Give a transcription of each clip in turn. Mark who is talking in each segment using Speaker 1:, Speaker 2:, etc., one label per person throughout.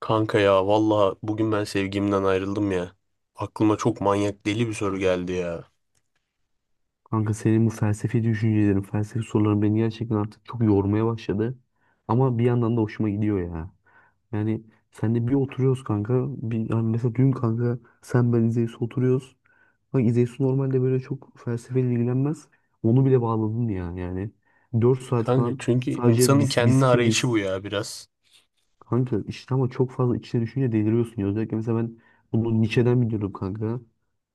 Speaker 1: Kanka ya valla bugün ben sevgimden ayrıldım ya. Aklıma çok manyak deli bir soru geldi ya.
Speaker 2: Kanka senin bu felsefi düşüncelerin, felsefi soruların beni gerçekten artık çok yormaya başladı. Ama bir yandan da hoşuma gidiyor ya. Yani senle bir oturuyoruz kanka. Bir, yani mesela dün kanka sen ben İzeysu oturuyoruz. Bak İzeysu normalde böyle çok felsefeyle ilgilenmez. Onu bile bağladın ya yani. 4 saat
Speaker 1: Kanka
Speaker 2: falan,
Speaker 1: çünkü
Speaker 2: sadece
Speaker 1: insanın
Speaker 2: biz
Speaker 1: kendini arayışı
Speaker 2: kimiz?
Speaker 1: bu ya biraz.
Speaker 2: Kanka işte ama çok fazla içine düşünce deliriyorsun ya. Özellikle mesela ben bunu Nietzsche'den biliyordum kanka.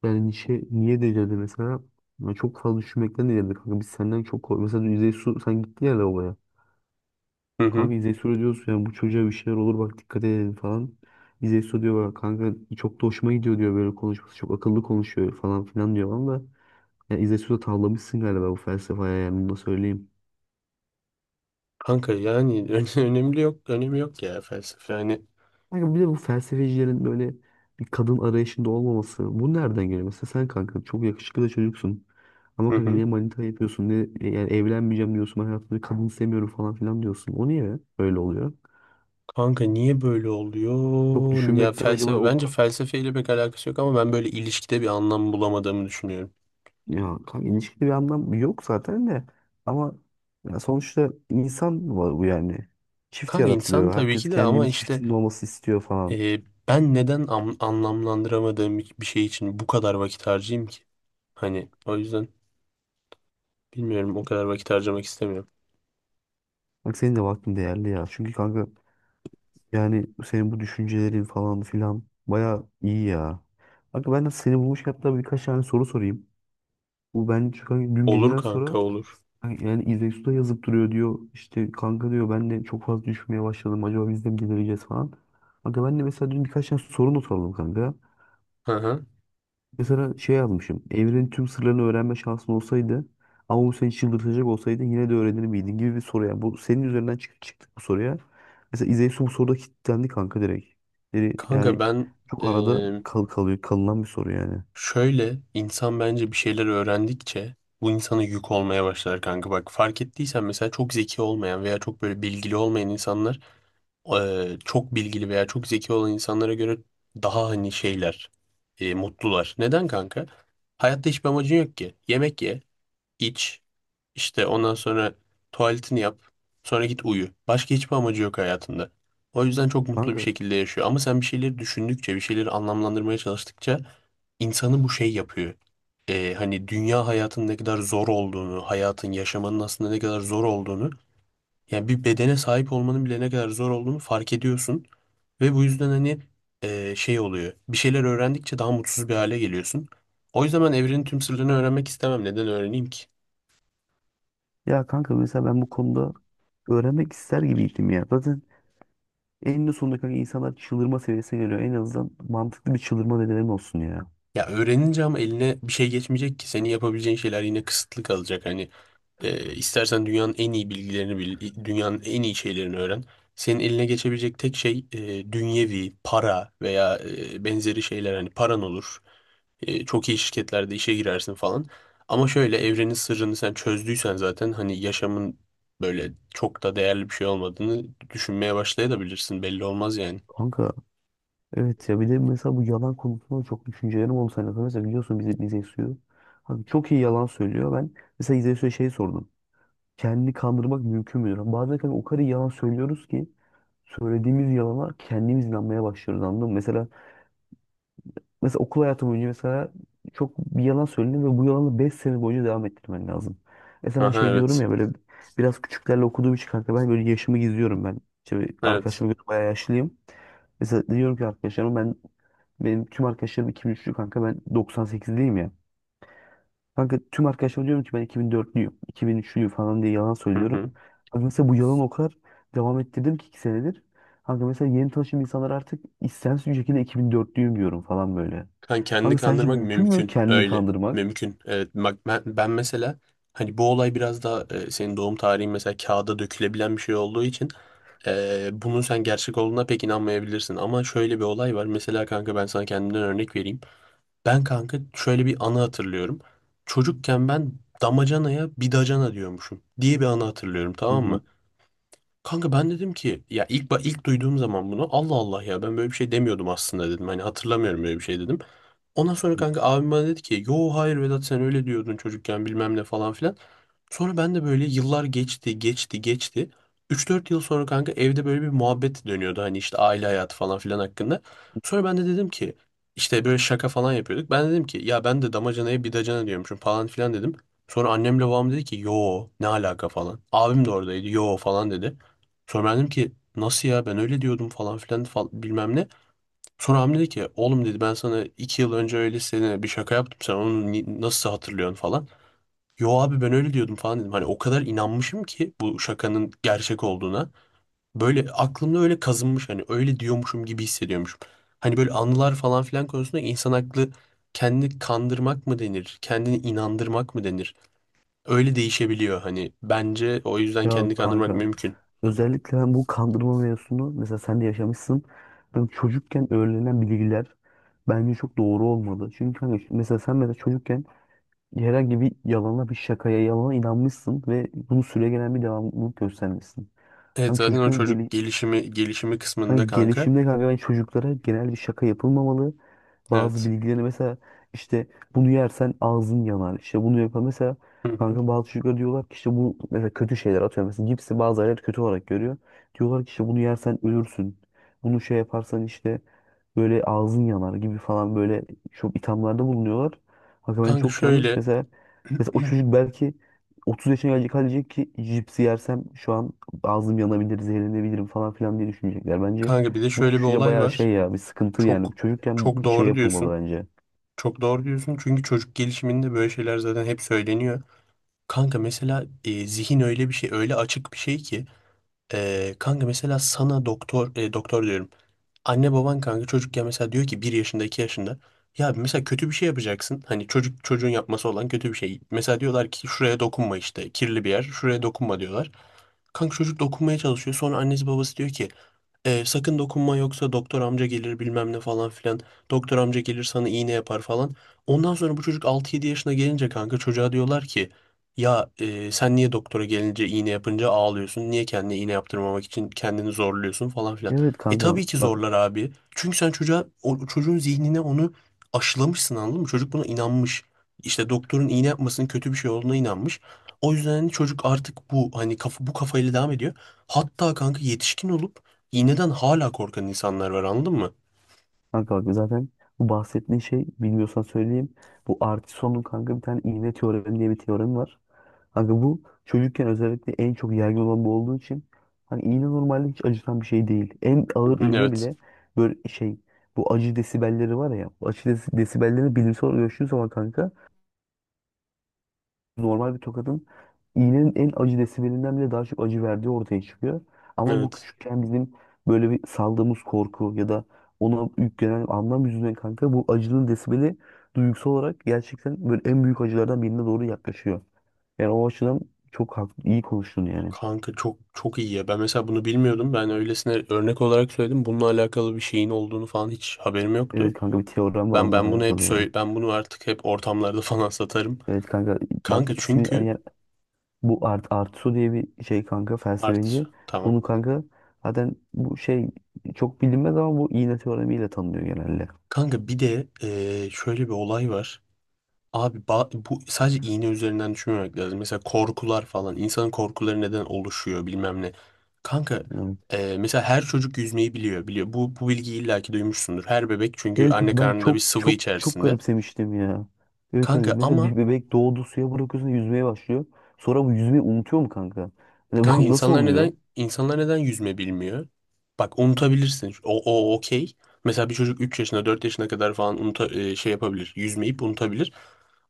Speaker 2: Yani Nietzsche niye delirdi mesela? Ya çok fazla düşünmekten delirdi kanka. Biz senden çok kork- Mesela dün İzey Su sen gittin ya lavaboya.
Speaker 1: Hı hı.
Speaker 2: Kanka İzey Su diyorsun yani, bu çocuğa bir şeyler olur bak, dikkat edelim falan. İzey Su diyor bak kanka, çok da hoşuma gidiyor diyor, böyle konuşması çok akıllı, konuşuyor falan filan diyor ama. Yani İzey Su da tavlamışsın galiba bu felsefeye, yani bunu da söyleyeyim.
Speaker 1: Kanka yani ö- önemli yok, önemi yok ya felsefe yani.
Speaker 2: Kanka bir de bu felsefecilerin böyle bir kadın arayışında olmaması. Bu nereden geliyor? Mesela sen kanka çok yakışıklı da çocuksun. Ama
Speaker 1: Hı
Speaker 2: kanka
Speaker 1: hı.
Speaker 2: niye manita yapıyorsun? Ne, yani evlenmeyeceğim diyorsun. Ben hayatımda bir kadın sevmiyorum falan filan diyorsun. O niye öyle oluyor?
Speaker 1: Kanka niye böyle
Speaker 2: Çok
Speaker 1: oluyor? Ya
Speaker 2: düşünmekten acaba
Speaker 1: felsefe
Speaker 2: o...
Speaker 1: bence
Speaker 2: ka-
Speaker 1: felsefeyle pek alakası yok ama ben böyle ilişkide bir anlam bulamadığımı düşünüyorum.
Speaker 2: Ya kanka, ilişkide bir anlam yok zaten de. Ama ya sonuçta insan var bu yani. Çift
Speaker 1: Kanka insan
Speaker 2: yaratılıyor.
Speaker 1: tabii
Speaker 2: Herkes
Speaker 1: ki de ama
Speaker 2: kendini
Speaker 1: işte
Speaker 2: çiftinin olması istiyor falan.
Speaker 1: e, ben neden anlamlandıramadığım bir şey için bu kadar vakit harcayayım ki? Hani o yüzden bilmiyorum o kadar vakit harcamak istemiyorum.
Speaker 2: Bak senin de vaktin değerli ya. Çünkü kanka, yani senin bu düşüncelerin falan filan baya iyi ya. Kanka ben de seni bulmuş hatta, birkaç tane soru sorayım. Bu ben, çünkü hani dün
Speaker 1: Olur
Speaker 2: geceden
Speaker 1: kanka
Speaker 2: sonra
Speaker 1: olur.
Speaker 2: hani yani İzek Su da yazıp duruyor diyor. İşte kanka diyor, ben de çok fazla düşünmeye başladım. Acaba biz de mi delireceğiz falan. Kanka ben de mesela dün birkaç tane soru not aldım kanka.
Speaker 1: Hı hı.
Speaker 2: Mesela şey yazmışım. Evrenin tüm sırlarını öğrenme şansın olsaydı ama bu seni çıldırtacak olsaydı, yine de öğrenir miydin gibi bir soru. Yani bu, senin üzerinden çıktık bu soruya. Mesela İzeysu bu soruda kilitlendi kanka, direkt. Yani,
Speaker 1: Kanka
Speaker 2: yani
Speaker 1: ben
Speaker 2: çok
Speaker 1: e,
Speaker 2: arada kalınan bir soru yani.
Speaker 1: şöyle insan bence bir şeyler öğrendikçe bu insana yük olmaya başlar kanka. Bak fark ettiysen mesela çok zeki olmayan veya çok böyle bilgili olmayan insanlar çok bilgili veya çok zeki olan insanlara göre daha hani şeyler, mutlular. Neden kanka? Hayatta hiçbir amacın yok ki. Yemek ye, iç, işte ondan sonra tuvaletini yap, sonra git uyu. Başka hiçbir amacı yok hayatında. O yüzden çok mutlu bir
Speaker 2: Kanka,
Speaker 1: şekilde yaşıyor. Ama sen bir şeyleri düşündükçe, bir şeyleri anlamlandırmaya çalıştıkça insanı bu şey yapıyor. Hani dünya hayatının ne kadar zor olduğunu, hayatın, yaşamanın aslında ne kadar zor olduğunu yani bir bedene sahip olmanın bile ne kadar zor olduğunu fark ediyorsun. Ve bu yüzden hani şey oluyor. Bir şeyler öğrendikçe daha mutsuz bir hale geliyorsun. O yüzden ben evrenin tüm sırlarını öğrenmek istemem. Neden öğreneyim ki?
Speaker 2: ya kanka, mesela ben bu konuda öğrenmek ister gibiydim ya. Zaten eninde sonunda kanka insanlar çıldırma seviyesine geliyor. En azından mantıklı bir çıldırma nedeni olsun ya.
Speaker 1: Ya öğrenince ama eline bir şey geçmeyecek ki. Senin yapabileceğin şeyler yine kısıtlı kalacak. Hani istersen dünyanın en iyi bilgilerini bil, dünyanın en iyi şeylerini öğren. Senin eline geçebilecek tek şey dünyevi, para veya benzeri şeyler. Hani paran olur, çok iyi şirketlerde işe girersin falan. Ama şöyle evrenin sırrını sen çözdüysen zaten hani yaşamın böyle çok da değerli bir şey olmadığını düşünmeye başlayabilirsin. Belli olmaz yani.
Speaker 2: Kanka, evet ya, bir de mesela bu yalan konusunda çok düşüncelerim oldu seninle. Mesela biliyorsun bize suyu. Abi çok iyi yalan söylüyor. Ben mesela bize suya şey sordum. Kendini kandırmak mümkün müdür? Bazen kanka o kadar iyi yalan söylüyoruz ki söylediğimiz yalana kendimiz inanmaya başlıyoruz, anladın mı? Mesela okul hayatı boyunca mesela, çok bir yalan söyledim ve bu yalanı 5 sene boyunca devam ettirmen lazım. Mesela ben
Speaker 1: Aha
Speaker 2: şey diyorum
Speaker 1: evet.
Speaker 2: ya, böyle biraz küçüklerle okuduğum için kanka, ben böyle yaşımı gizliyorum ben. İşte
Speaker 1: Evet.
Speaker 2: arkadaşlarıma göre bayağı yaşlıyım. Mesela diyorum ki arkadaşlarıma, benim tüm arkadaşlarım 2003'lü kanka, ben 98'liyim ya. Kanka tüm arkadaşlarıma diyorum ki ben 2004'lüyüm, 2003'lüyüm falan diye yalan
Speaker 1: Hı
Speaker 2: söylüyorum.
Speaker 1: hı.
Speaker 2: Kanka mesela bu yalan o kadar devam ettirdim ki, 2 senedir. Kanka mesela yeni tanıştığım insanlar, artık istemsiz bir şekilde 2004'lüyüm diyorum falan böyle.
Speaker 1: Kan kendini
Speaker 2: Kanka sence
Speaker 1: kandırmak
Speaker 2: mümkün mü
Speaker 1: mümkün.
Speaker 2: kendini
Speaker 1: Öyle.
Speaker 2: kandırmak?
Speaker 1: Mümkün. Evet. Bak ben, ben mesela hani bu olay biraz daha senin doğum tarihin mesela kağıda dökülebilen bir şey olduğu için bunun sen gerçek olduğuna pek inanmayabilirsin. Ama şöyle bir olay var. Mesela kanka ben sana kendimden örnek vereyim. Ben kanka şöyle bir anı hatırlıyorum. Çocukken ben damacanaya bidacana diyormuşum diye bir anı hatırlıyorum,
Speaker 2: Hı
Speaker 1: tamam
Speaker 2: hı.
Speaker 1: mı? Kanka ben dedim ki ya ilk ilk duyduğum zaman bunu Allah Allah ya ben böyle bir şey demiyordum aslında dedim. Hani hatırlamıyorum böyle bir şey dedim. Ondan sonra kanka abim bana dedi ki yo hayır Vedat sen öyle diyordun çocukken bilmem ne falan filan. Sonra ben de böyle yıllar geçti geçti geçti. 3-4 yıl sonra kanka evde böyle bir muhabbet dönüyordu hani işte aile hayatı falan filan hakkında. Sonra ben de dedim ki işte böyle şaka falan yapıyorduk. Ben dedim ki ya ben de damacanaya bidacana diyormuşum falan filan dedim. Sonra annemle babam dedi ki yo ne alaka falan. Abim de oradaydı yo falan dedi. Sonra ben dedim ki nasıl ya ben öyle diyordum falan filan bilmem ne. Sonra Hamdi dedi ki oğlum dedi ben sana 2 yıl önce öyle sene bir şaka yaptım sen onu nasıl hatırlıyorsun falan. Yo abi ben öyle diyordum falan dedim. Hani o kadar inanmışım ki bu şakanın gerçek olduğuna. Böyle aklımda öyle kazınmış hani öyle diyormuşum gibi hissediyormuşum. Hani böyle anılar falan filan konusunda insan aklı kendini kandırmak mı denir? Kendini inandırmak mı denir? Öyle değişebiliyor hani. Bence o yüzden
Speaker 2: Ya
Speaker 1: kendini kandırmak
Speaker 2: kanka,
Speaker 1: mümkün.
Speaker 2: özellikle ben bu kandırma mevzusunu, mesela sen de yaşamışsın. Ben çocukken öğrenilen bilgiler bence çok doğru olmadı. Çünkü kanka mesela sen, mesela çocukken herhangi bir yalana, bir şakaya, yalana inanmışsın ve bunu süregelen bir devamlılık göstermişsin.
Speaker 1: Evet
Speaker 2: Hani
Speaker 1: zaten o
Speaker 2: çocuğun
Speaker 1: çocuk
Speaker 2: gele-
Speaker 1: gelişimi kısmında
Speaker 2: Kanka
Speaker 1: kanka.
Speaker 2: gelişimde kanka, ben çocuklara genel bir şaka yapılmamalı. Bazı
Speaker 1: Evet.
Speaker 2: bilgilerini mesela, işte bunu yersen ağzın yanar. İşte bunu yapar. Mesela
Speaker 1: Hı hı.
Speaker 2: kanka bazı çocuklar diyorlar ki, işte bu mesela kötü şeyler atıyor. Mesela cipsi bazı aileler kötü olarak görüyor. Diyorlar ki işte, bunu yersen ölürsün. Bunu şey yaparsan işte böyle ağzın yanar gibi falan, böyle çok ithamlarda bulunuyorlar. Kanka ben
Speaker 1: Kanka
Speaker 2: çok yanlış.
Speaker 1: şöyle
Speaker 2: Mesela o çocuk belki 30 yaşına gelecek ki cipsi yersem şu an ağzım yanabilir, zehirlenebilirim falan filan diye düşünecekler. Bence
Speaker 1: kanka bir de
Speaker 2: bu
Speaker 1: şöyle bir
Speaker 2: düşünce
Speaker 1: olay
Speaker 2: bayağı
Speaker 1: var.
Speaker 2: şey ya, bir sıkıntı
Speaker 1: Çok
Speaker 2: yani. Çocukken
Speaker 1: çok
Speaker 2: şey
Speaker 1: doğru
Speaker 2: yapılmalı
Speaker 1: diyorsun.
Speaker 2: bence.
Speaker 1: Çok doğru diyorsun çünkü çocuk gelişiminde böyle şeyler zaten hep söyleniyor. Kanka mesela zihin öyle bir şey öyle açık bir şey ki kanka mesela sana doktor diyorum. Anne baban kanka çocukken mesela diyor ki 1 yaşında 2 yaşında ya mesela kötü bir şey yapacaksın. Hani çocuk çocuğun yapması olan kötü bir şey. Mesela diyorlar ki şuraya dokunma işte kirli bir yer şuraya dokunma diyorlar. Kanka çocuk dokunmaya çalışıyor. Sonra annesi babası diyor ki sakın dokunma yoksa doktor amca gelir bilmem ne falan filan. Doktor amca gelir sana iğne yapar falan. Ondan sonra bu çocuk 6-7 yaşına gelince kanka çocuğa diyorlar ki ya sen niye doktora gelince iğne yapınca ağlıyorsun? Niye kendine iğne yaptırmamak için kendini zorluyorsun falan filan.
Speaker 2: Evet
Speaker 1: E
Speaker 2: kanka
Speaker 1: tabii ki
Speaker 2: bak
Speaker 1: zorlar abi. Çünkü sen çocuğa çocuğun zihnine onu aşılamışsın, anladın mı? Çocuk buna inanmış. İşte doktorun iğne yapmasının kötü bir şey olduğuna inanmış. O yüzden hani çocuk artık bu hani kafa, bu kafayla devam ediyor. Hatta kanka yetişkin olup İğneden hala korkan insanlar var, anladın mı?
Speaker 2: kanka bak zaten bu bahsettiğin şey, bilmiyorsan söyleyeyim. Bu Artison'un kanka bir tane iğne teoremi diye bir teoremi var. Kanka bu çocukken özellikle en çok yaygın olan bu olduğu için, hani iğne normalde hiç acıtan bir şey değil. En
Speaker 1: Hı
Speaker 2: ağır
Speaker 1: hı,
Speaker 2: iğne
Speaker 1: evet.
Speaker 2: bile böyle şey, bu acı desibelleri var ya. Bu acı desibellerini bilimsel olarak ölçtüğün zaman kanka, normal bir tokadın iğnenin en acı desibelinden bile daha çok acı verdiği ortaya çıkıyor. Ama bu
Speaker 1: Evet.
Speaker 2: küçükken bizim böyle bir saldığımız korku ya da ona yüklenen anlam yüzünden kanka, bu acının desibeli duygusal olarak gerçekten böyle en büyük acılardan birine doğru yaklaşıyor. Yani o açıdan çok haklı, iyi konuştun yani.
Speaker 1: Kanka çok çok iyi ya. Ben mesela bunu bilmiyordum. Ben öylesine örnek olarak söyledim. Bununla alakalı bir şeyin olduğunu falan hiç haberim
Speaker 2: Evet
Speaker 1: yoktu.
Speaker 2: kanka, bir teorem var
Speaker 1: Ben
Speaker 2: onunla
Speaker 1: ben bunu hep
Speaker 2: alakalı ya.
Speaker 1: söyle ben bunu artık hep ortamlarda falan satarım.
Speaker 2: Evet kanka, bak
Speaker 1: Kanka
Speaker 2: ismi,
Speaker 1: çünkü
Speaker 2: bu Artusu diye bir şey kanka, felsefeci.
Speaker 1: artı tamam.
Speaker 2: Bunu kanka zaten bu şey çok bilinmez ama bu iğne teoremiyle tanınıyor genelde.
Speaker 1: Kanka bir de şöyle bir olay var. Abi bu sadece iğne üzerinden düşünmemek lazım. Mesela korkular falan. İnsanın korkuları neden oluşuyor bilmem ne. Kanka
Speaker 2: Evet.
Speaker 1: mesela her çocuk yüzmeyi biliyor. Bu, bu bilgiyi illaki duymuşsundur. Her bebek çünkü
Speaker 2: Evet
Speaker 1: anne
Speaker 2: kanka, ben
Speaker 1: karnında bir
Speaker 2: çok
Speaker 1: sıvı
Speaker 2: çok çok
Speaker 1: içerisinde.
Speaker 2: garipsemiştim ya. Evet
Speaker 1: Kanka
Speaker 2: kanka, mesela
Speaker 1: ama
Speaker 2: bir bebek doğdu, suya bırakıyorsun, yüzmeye başlıyor. Sonra bu yüzmeyi unutuyor mu kanka? Hani
Speaker 1: kanka
Speaker 2: bu nasıl
Speaker 1: insanlar
Speaker 2: oluyor?
Speaker 1: neden insanlar neden yüzme bilmiyor? Bak unutabilirsin. O okey. Mesela bir çocuk 3 yaşına 4 yaşına kadar falan şey yapabilir. Yüzmeyip unutabilir.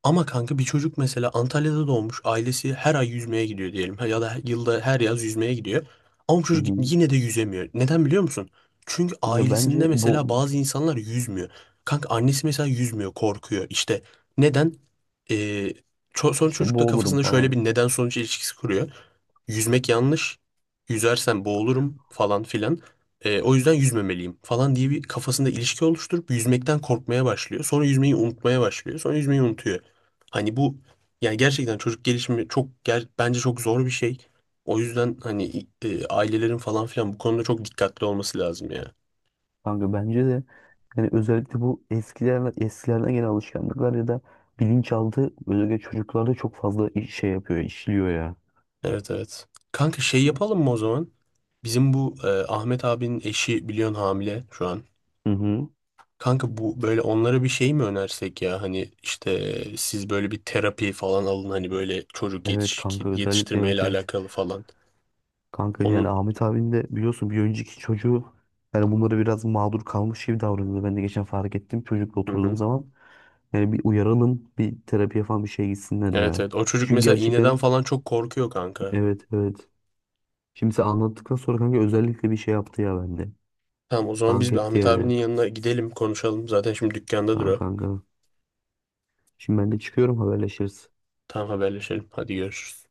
Speaker 1: Ama kanka bir çocuk mesela Antalya'da doğmuş, ailesi her ay yüzmeye gidiyor diyelim ya da yılda her yaz yüzmeye gidiyor. Ama bu
Speaker 2: Hı
Speaker 1: çocuk
Speaker 2: hı.
Speaker 1: yine de yüzemiyor. Neden biliyor musun? Çünkü
Speaker 2: Kanka bence
Speaker 1: ailesinde mesela bazı insanlar yüzmüyor. Kanka annesi mesela yüzmüyor, korkuyor. İşte neden? Ee, son
Speaker 2: işte
Speaker 1: çocukta
Speaker 2: boğulurum
Speaker 1: kafasında şöyle
Speaker 2: falan.
Speaker 1: bir neden sonuç ilişkisi kuruyor. Yüzmek yanlış, yüzersem boğulurum falan filan. O yüzden yüzmemeliyim falan diye bir kafasında ilişki oluşturup yüzmekten korkmaya başlıyor. Sonra yüzmeyi unutmaya başlıyor. Sonra yüzmeyi unutuyor. Hani bu yani gerçekten çocuk gelişimi çok bence çok zor bir şey. O yüzden hani ailelerin falan filan bu konuda çok dikkatli olması lazım ya.
Speaker 2: Kanka bence de yani, özellikle bu eskilerden gelen alışkanlıklar ya da bilinçaltı, özellikle çocuklarda çok fazla şey yapıyor, işliyor ya.
Speaker 1: Evet evet. Kanka şey yapalım mı o zaman? Bizim bu Ahmet abinin eşi biliyorsun hamile şu an.
Speaker 2: Hı hı.
Speaker 1: Kanka bu böyle onlara bir şey mi önersek ya? Hani işte siz böyle bir terapi falan alın hani böyle çocuk
Speaker 2: Evet kanka, özellikle,
Speaker 1: yetiştirmeyle
Speaker 2: evet, evet.
Speaker 1: alakalı falan.
Speaker 2: Kanka yani
Speaker 1: Onu
Speaker 2: Ahmet abin de biliyorsun, bir önceki çocuğu yani bunları biraz mağdur kalmış gibi davranıyordu. Ben de geçen fark ettim çocukla
Speaker 1: Hı
Speaker 2: oturduğum
Speaker 1: hı.
Speaker 2: zaman. Yani bir uyaralım, bir terapiye falan bir şey gitsinler
Speaker 1: Evet
Speaker 2: ya.
Speaker 1: evet. O çocuk
Speaker 2: Çünkü
Speaker 1: mesela iğneden
Speaker 2: gerçekten,
Speaker 1: falan çok korkuyor kanka.
Speaker 2: evet, evet. Şimdi sen anlattıktan sonra kanka, özellikle bir şey yaptı ya bende.
Speaker 1: Tamam, o zaman biz
Speaker 2: Dank
Speaker 1: bir
Speaker 2: etti
Speaker 1: Ahmet
Speaker 2: yani.
Speaker 1: abinin yanına gidelim konuşalım. Zaten şimdi dükkanda
Speaker 2: Tamam
Speaker 1: duruyor.
Speaker 2: kanka. Şimdi ben de çıkıyorum, haberleşiriz.
Speaker 1: Tamam haberleşelim. Hadi görüşürüz.